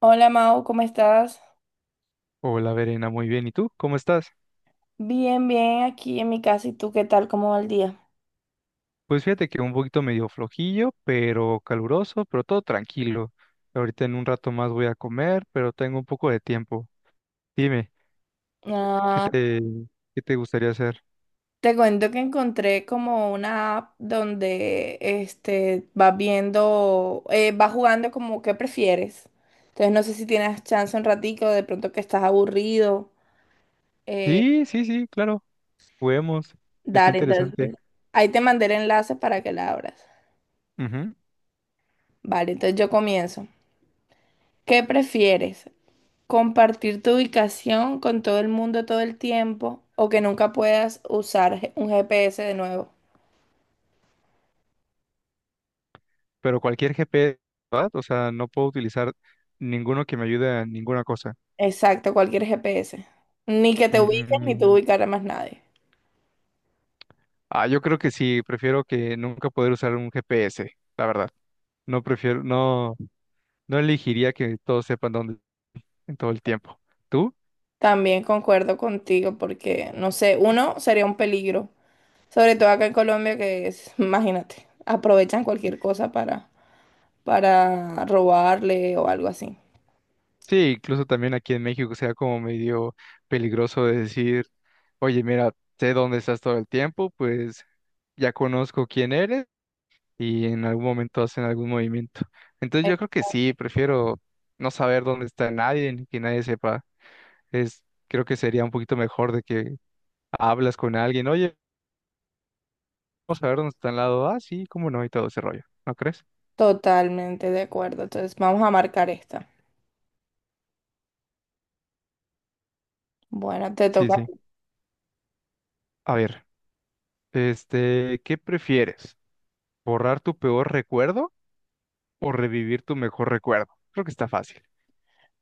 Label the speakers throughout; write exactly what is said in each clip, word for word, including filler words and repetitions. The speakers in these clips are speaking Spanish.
Speaker 1: Hola, Mau, ¿cómo estás?
Speaker 2: Hola, Verena, muy bien. ¿Y tú? ¿Cómo estás?
Speaker 1: Bien, bien, aquí en mi casa. ¿Y tú qué tal? ¿Cómo va el día?
Speaker 2: Pues fíjate que un poquito medio flojillo, pero caluroso, pero todo tranquilo. Ahorita en un rato más voy a comer, pero tengo un poco de tiempo. Dime, ¿qué
Speaker 1: Ah,
Speaker 2: te, ¿qué te gustaría hacer?
Speaker 1: te cuento que encontré como una app donde este, vas viendo, eh, vas jugando como qué prefieres. Entonces no sé si tienes chance un ratico, de pronto que estás aburrido. eh,
Speaker 2: Sí, sí, sí, claro. Juguemos. Está
Speaker 1: Dale,
Speaker 2: interesante.
Speaker 1: entonces ahí te mandé el enlace para que la abras.
Speaker 2: Ujú.
Speaker 1: Vale, entonces yo comienzo. ¿Qué prefieres? ¿Compartir tu ubicación con todo el mundo todo el tiempo o que nunca puedas usar G- un G P S de nuevo?
Speaker 2: Pero cualquier G P S, ¿verdad? O sea, no puedo utilizar ninguno que me ayude a ninguna cosa.
Speaker 1: Exacto, cualquier G P S. Ni que te ubiquen ni tú
Speaker 2: Mm,
Speaker 1: ubicar a más nadie.
Speaker 2: ah, yo creo que sí. Prefiero que nunca poder usar un G P S, la verdad. No prefiero, no. No elegiría que todos sepan dónde en todo el tiempo. ¿Tú?
Speaker 1: También concuerdo contigo porque, no sé, uno sería un peligro, sobre todo acá en Colombia que es, imagínate, aprovechan cualquier cosa para, para robarle o algo así.
Speaker 2: Sí, incluso también aquí en México sea como medio peligroso de decir, oye, mira, sé dónde estás todo el tiempo, pues ya conozco quién eres y en algún momento hacen algún movimiento. Entonces yo creo que sí, prefiero no saber dónde está nadie ni que nadie sepa. Es, creo que sería un poquito mejor de que hablas con alguien, oye, vamos a ver dónde está al lado. Ah, sí, cómo no, y todo ese rollo. ¿No crees?
Speaker 1: Totalmente de acuerdo. Entonces vamos a marcar esta. Bueno, te
Speaker 2: Sí,
Speaker 1: toca.
Speaker 2: sí. A ver. Este, ¿qué prefieres? ¿Borrar tu peor recuerdo o revivir tu mejor recuerdo? Creo que está fácil.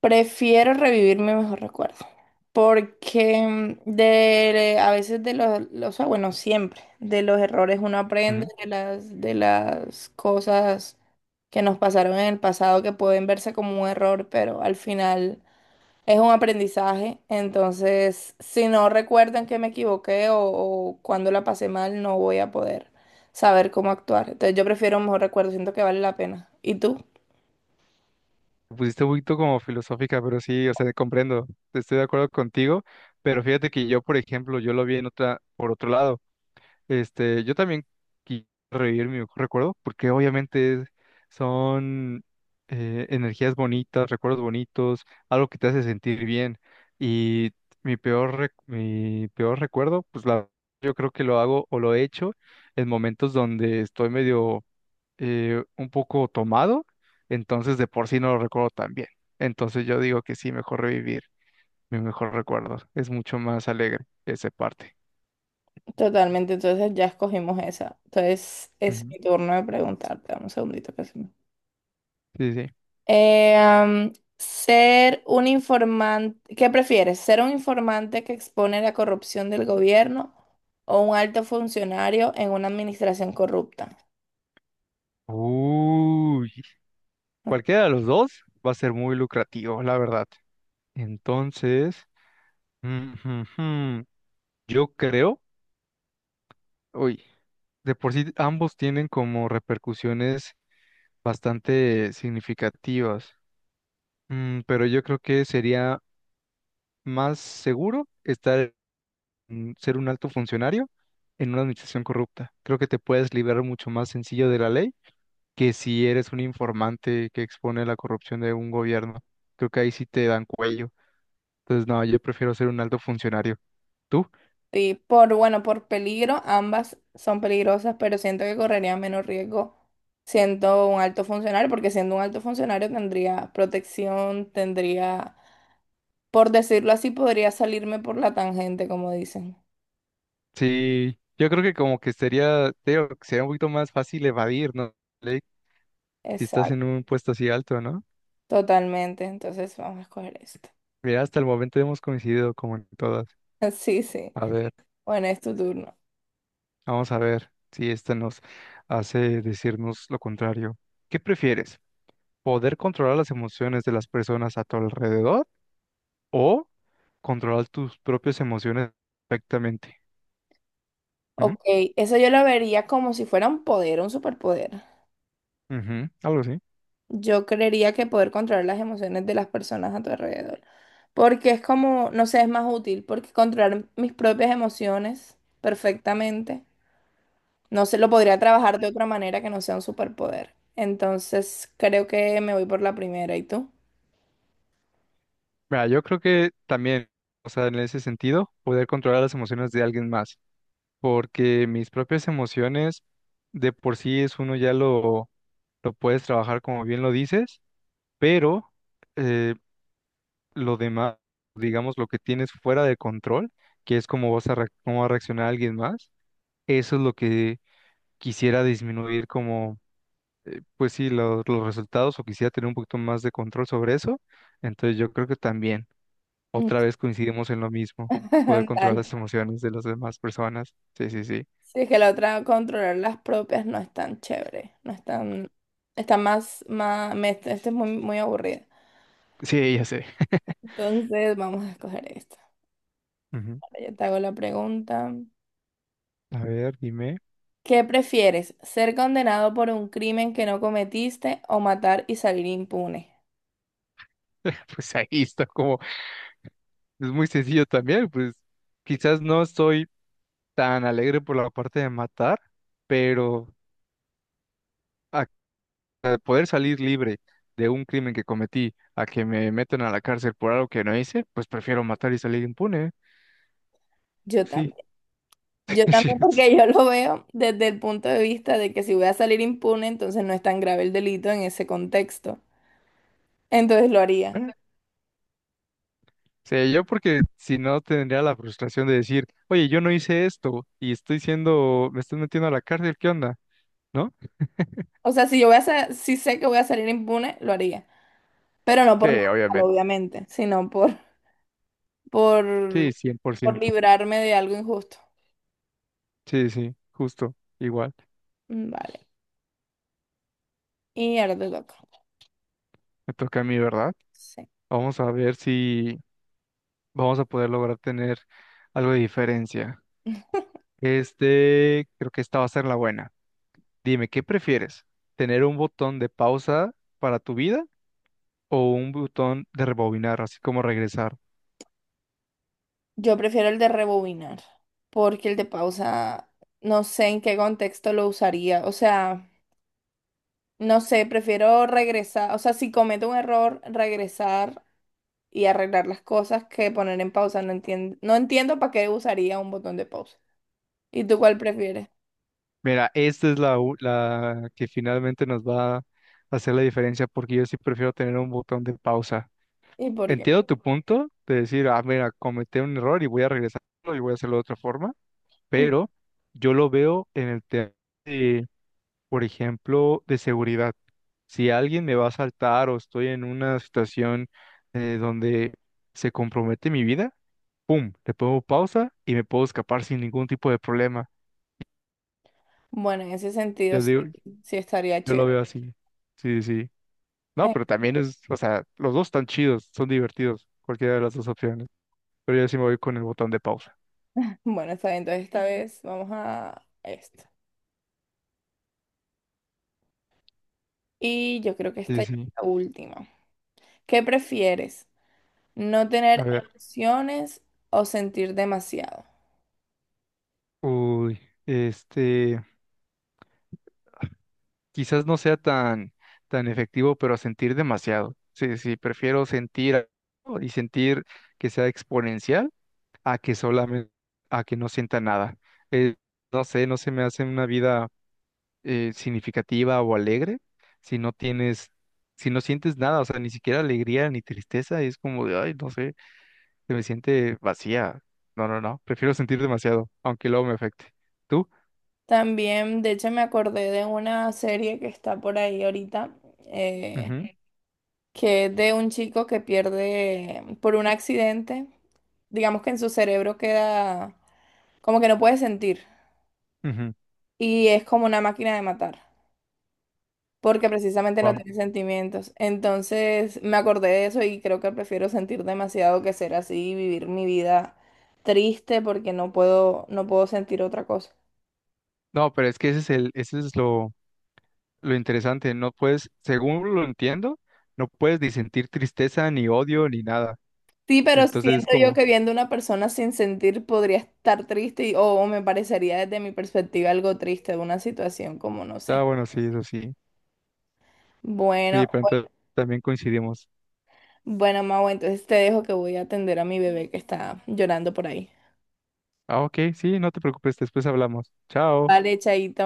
Speaker 1: Prefiero revivir mi mejor recuerdo, porque mm, de, a veces de los, los- o sea, bueno, siempre, de los errores uno aprende,
Speaker 2: Ujú.
Speaker 1: de las, de las cosas que nos pasaron en el pasado que pueden verse como un error, pero al final es un aprendizaje. Entonces si no recuerdan que me equivoqué o, o cuando la pasé mal, no voy a poder saber cómo actuar. Entonces yo prefiero un mejor recuerdo, siento que vale la pena. ¿Y tú?
Speaker 2: Me pusiste un poquito como filosófica, pero sí, o sea, comprendo, estoy de acuerdo contigo, pero fíjate que yo, por ejemplo, yo lo vi en otra, por otro lado. Este, yo también quiero revivir mi mejor recuerdo, porque obviamente son eh, energías bonitas, recuerdos bonitos, algo que te hace sentir bien. Y mi peor, rec- mi peor recuerdo, pues la, yo creo que lo hago o lo he hecho en momentos donde estoy medio eh, un poco tomado, entonces de por sí no lo recuerdo tan bien. Entonces yo digo que sí, mejor revivir mi mejor recuerdo. Es mucho más alegre esa parte.
Speaker 1: Totalmente, entonces ya escogimos esa. Entonces es
Speaker 2: Ujú.
Speaker 1: mi turno de preguntarte. Dame un segundito que se me-
Speaker 2: Sí, sí.
Speaker 1: Eh, am, ser un informante, ¿qué prefieres? ¿Ser un informante que expone la corrupción del gobierno o un alto funcionario en una administración corrupta?
Speaker 2: Uy, cualquiera de los dos va a ser muy lucrativo, la verdad. Entonces, mm, mm, mm, yo creo, uy, de por sí ambos tienen como repercusiones bastante significativas. Mm, pero yo creo que sería más seguro estar, mm, ser un alto funcionario en una administración corrupta. Creo que te puedes liberar mucho más sencillo de la ley que si eres un informante que expone la corrupción de un gobierno. Creo que ahí sí te dan cuello. Entonces, no, yo prefiero ser un alto funcionario. ¿Tú?
Speaker 1: Y por, bueno, por peligro, ambas son peligrosas, pero siento que correría menos riesgo siendo un alto funcionario, porque siendo un alto funcionario tendría protección, tendría. Por decirlo así, podría salirme por la tangente, como dicen.
Speaker 2: Sí, yo creo que como que sería, te digo, que sería un poquito más fácil evadir, ¿no? Ley, si estás en
Speaker 1: Exacto,
Speaker 2: un puesto así alto, ¿no?
Speaker 1: totalmente. Entonces vamos a escoger esto.
Speaker 2: Mira, hasta el momento hemos coincidido como en todas.
Speaker 1: Sí, sí.
Speaker 2: A ver,
Speaker 1: Bueno, es tu turno.
Speaker 2: vamos a ver si esta nos hace decirnos lo contrario. ¿Qué prefieres? ¿Poder controlar las emociones de las personas a tu alrededor o controlar tus propias emociones perfectamente? Ujú,
Speaker 1: Ok, eso yo lo vería como si fuera un poder, un superpoder.
Speaker 2: ujú, algo así.
Speaker 1: Yo creería que poder controlar las emociones de las personas a tu alrededor. Porque es como, no sé, es más útil, porque controlar mis propias emociones perfectamente, no se lo podría trabajar de otra manera que no sea un superpoder. Entonces, creo que me voy por la primera. ¿Y tú?
Speaker 2: Mira, yo creo que también, o sea, en ese sentido, poder controlar las emociones de alguien más, porque mis propias emociones de por sí es uno ya lo, lo puedes trabajar como bien lo dices, pero eh, lo demás, digamos, lo que tienes fuera de control, que es cómo vas a, reac- cómo va a reaccionar alguien más, eso es lo que quisiera disminuir como, pues sí, lo- los resultados o quisiera tener un poquito más de control sobre eso, entonces yo creo que también. Otra vez coincidimos en lo mismo, poder controlar
Speaker 1: Dale.
Speaker 2: las emociones de las demás personas. Sí, sí, sí.
Speaker 1: Sí, que la otra, controlar las propias, no es tan chévere, no es tan, está más, más, me- esta es muy, muy aburrida.
Speaker 2: Sí, ya sé.
Speaker 1: Entonces, vamos a escoger esta.
Speaker 2: Ujú.
Speaker 1: Ahora yo te hago la pregunta.
Speaker 2: A ver, dime.
Speaker 1: ¿Qué prefieres, ser condenado por un crimen que no cometiste o matar y salir impune?
Speaker 2: Pues ahí está como, es muy sencillo también, pues quizás no soy tan alegre por la parte de matar, pero a a poder salir libre de un crimen que cometí, a que me metan a la cárcel por algo que no hice, pues prefiero matar y salir impune.
Speaker 1: Yo
Speaker 2: Sí,
Speaker 1: también. Yo
Speaker 2: sí.
Speaker 1: también, porque yo lo veo desde el punto de vista de que si voy a salir impune, entonces no es tan grave el delito en ese contexto. Entonces lo haría.
Speaker 2: es- Sí, yo porque si no tendría la frustración de decir, oye, yo no hice esto y estoy siendo, me estás metiendo a la cárcel, ¿qué onda? ¿No?
Speaker 1: O sea, si yo voy a, sa- si sé que voy a salir impune, lo haría. Pero no por nada
Speaker 2: Sí,
Speaker 1: malo,
Speaker 2: obviamente.
Speaker 1: obviamente, sino por, por,
Speaker 2: Sí, cien por
Speaker 1: por
Speaker 2: ciento.
Speaker 1: librarme de algo injusto.
Speaker 2: Sí, sí, justo, igual.
Speaker 1: Mm, vale. Y ahora te toca.
Speaker 2: Me toca a mí, ¿verdad?
Speaker 1: Sí.
Speaker 2: Vamos a ver si vamos a poder lograr tener algo de diferencia. Este, creo que esta va a ser la buena. Dime, ¿qué prefieres? ¿Tener un botón de pausa para tu vida o un botón de rebobinar, así como regresar?
Speaker 1: Yo prefiero el de rebobinar, porque el de pausa, no sé en qué contexto lo usaría. O sea, no sé, prefiero regresar. O sea, si cometo un error, regresar y arreglar las cosas que poner en pausa. No entiendo, no entiendo para qué usaría un botón de pausa. ¿Y tú cuál prefieres?
Speaker 2: Mira, esta es la, u- la que finalmente nos va a hacer la diferencia porque yo sí prefiero tener un botón de pausa.
Speaker 1: ¿Y por qué?
Speaker 2: Entiendo tu punto de decir, ah, mira, cometí un error y voy a regresarlo y voy a hacerlo de otra forma,
Speaker 1: Mm.
Speaker 2: pero yo lo veo en el tema de, por ejemplo, de seguridad. Si alguien me va a saltar o estoy en una situación eh, donde se compromete mi vida, ¡pum! Le pongo pausa y me puedo escapar sin ningún tipo de problema.
Speaker 1: Bueno, en ese sentido
Speaker 2: Yo
Speaker 1: sí,
Speaker 2: digo,
Speaker 1: sí estaría
Speaker 2: yo lo
Speaker 1: chévere.
Speaker 2: veo así. Sí, sí. No, pero también es, o sea, los dos están chidos, son divertidos, cualquiera de las dos opciones. Pero yo sí me voy con el botón de pausa.
Speaker 1: Bueno, está bien, entonces esta vez vamos a esto. Y yo creo que
Speaker 2: Sí,
Speaker 1: esta
Speaker 2: sí,
Speaker 1: ya es
Speaker 2: sí.
Speaker 1: la última. ¿Qué prefieres? ¿No
Speaker 2: A
Speaker 1: tener
Speaker 2: ver,
Speaker 1: emociones o sentir demasiado?
Speaker 2: uy, este, quizás no sea tan, tan efectivo, pero a sentir demasiado. Sí, sí, prefiero sentir algo y sentir que sea exponencial a que solamente, a que no sienta nada. Eh, no sé, no se me hace una vida eh, significativa o alegre, si no tienes, si no sientes nada, o sea, ni siquiera alegría ni tristeza, es como de, ay, no sé, se me siente vacía. No, no, no, prefiero sentir demasiado, aunque luego me afecte. ¿Tú?
Speaker 1: También, de hecho, me acordé de una serie que está por ahí ahorita, eh,
Speaker 2: Ujú,
Speaker 1: que es de un chico que pierde por un accidente, digamos que en su cerebro queda como que no puede sentir
Speaker 2: ujú,
Speaker 1: y es como una máquina de matar. Porque precisamente no
Speaker 2: wao.
Speaker 1: tiene sentimientos. Entonces me acordé de eso y creo que prefiero sentir demasiado que ser así, vivir mi vida triste porque no puedo, no puedo sentir otra cosa.
Speaker 2: No, pero es que ese es el, ese es lo, lo interesante, no puedes, según lo entiendo, no puedes ni sentir tristeza, ni odio, ni nada.
Speaker 1: Sí, pero
Speaker 2: Entonces es
Speaker 1: siento yo
Speaker 2: como,
Speaker 1: que viendo una persona sin sentir podría estar triste y- o, o me parecería desde mi perspectiva algo triste de una situación como no
Speaker 2: ah,
Speaker 1: sé.
Speaker 2: bueno, sí, eso sí. Sí,
Speaker 1: Bueno,
Speaker 2: pero entonces también coincidimos.
Speaker 1: bueno, Mau, entonces te dejo que voy a atender a mi bebé que está llorando por ahí.
Speaker 2: Ah, ok, sí, no te preocupes, después hablamos. Chao.
Speaker 1: Vale, chaito.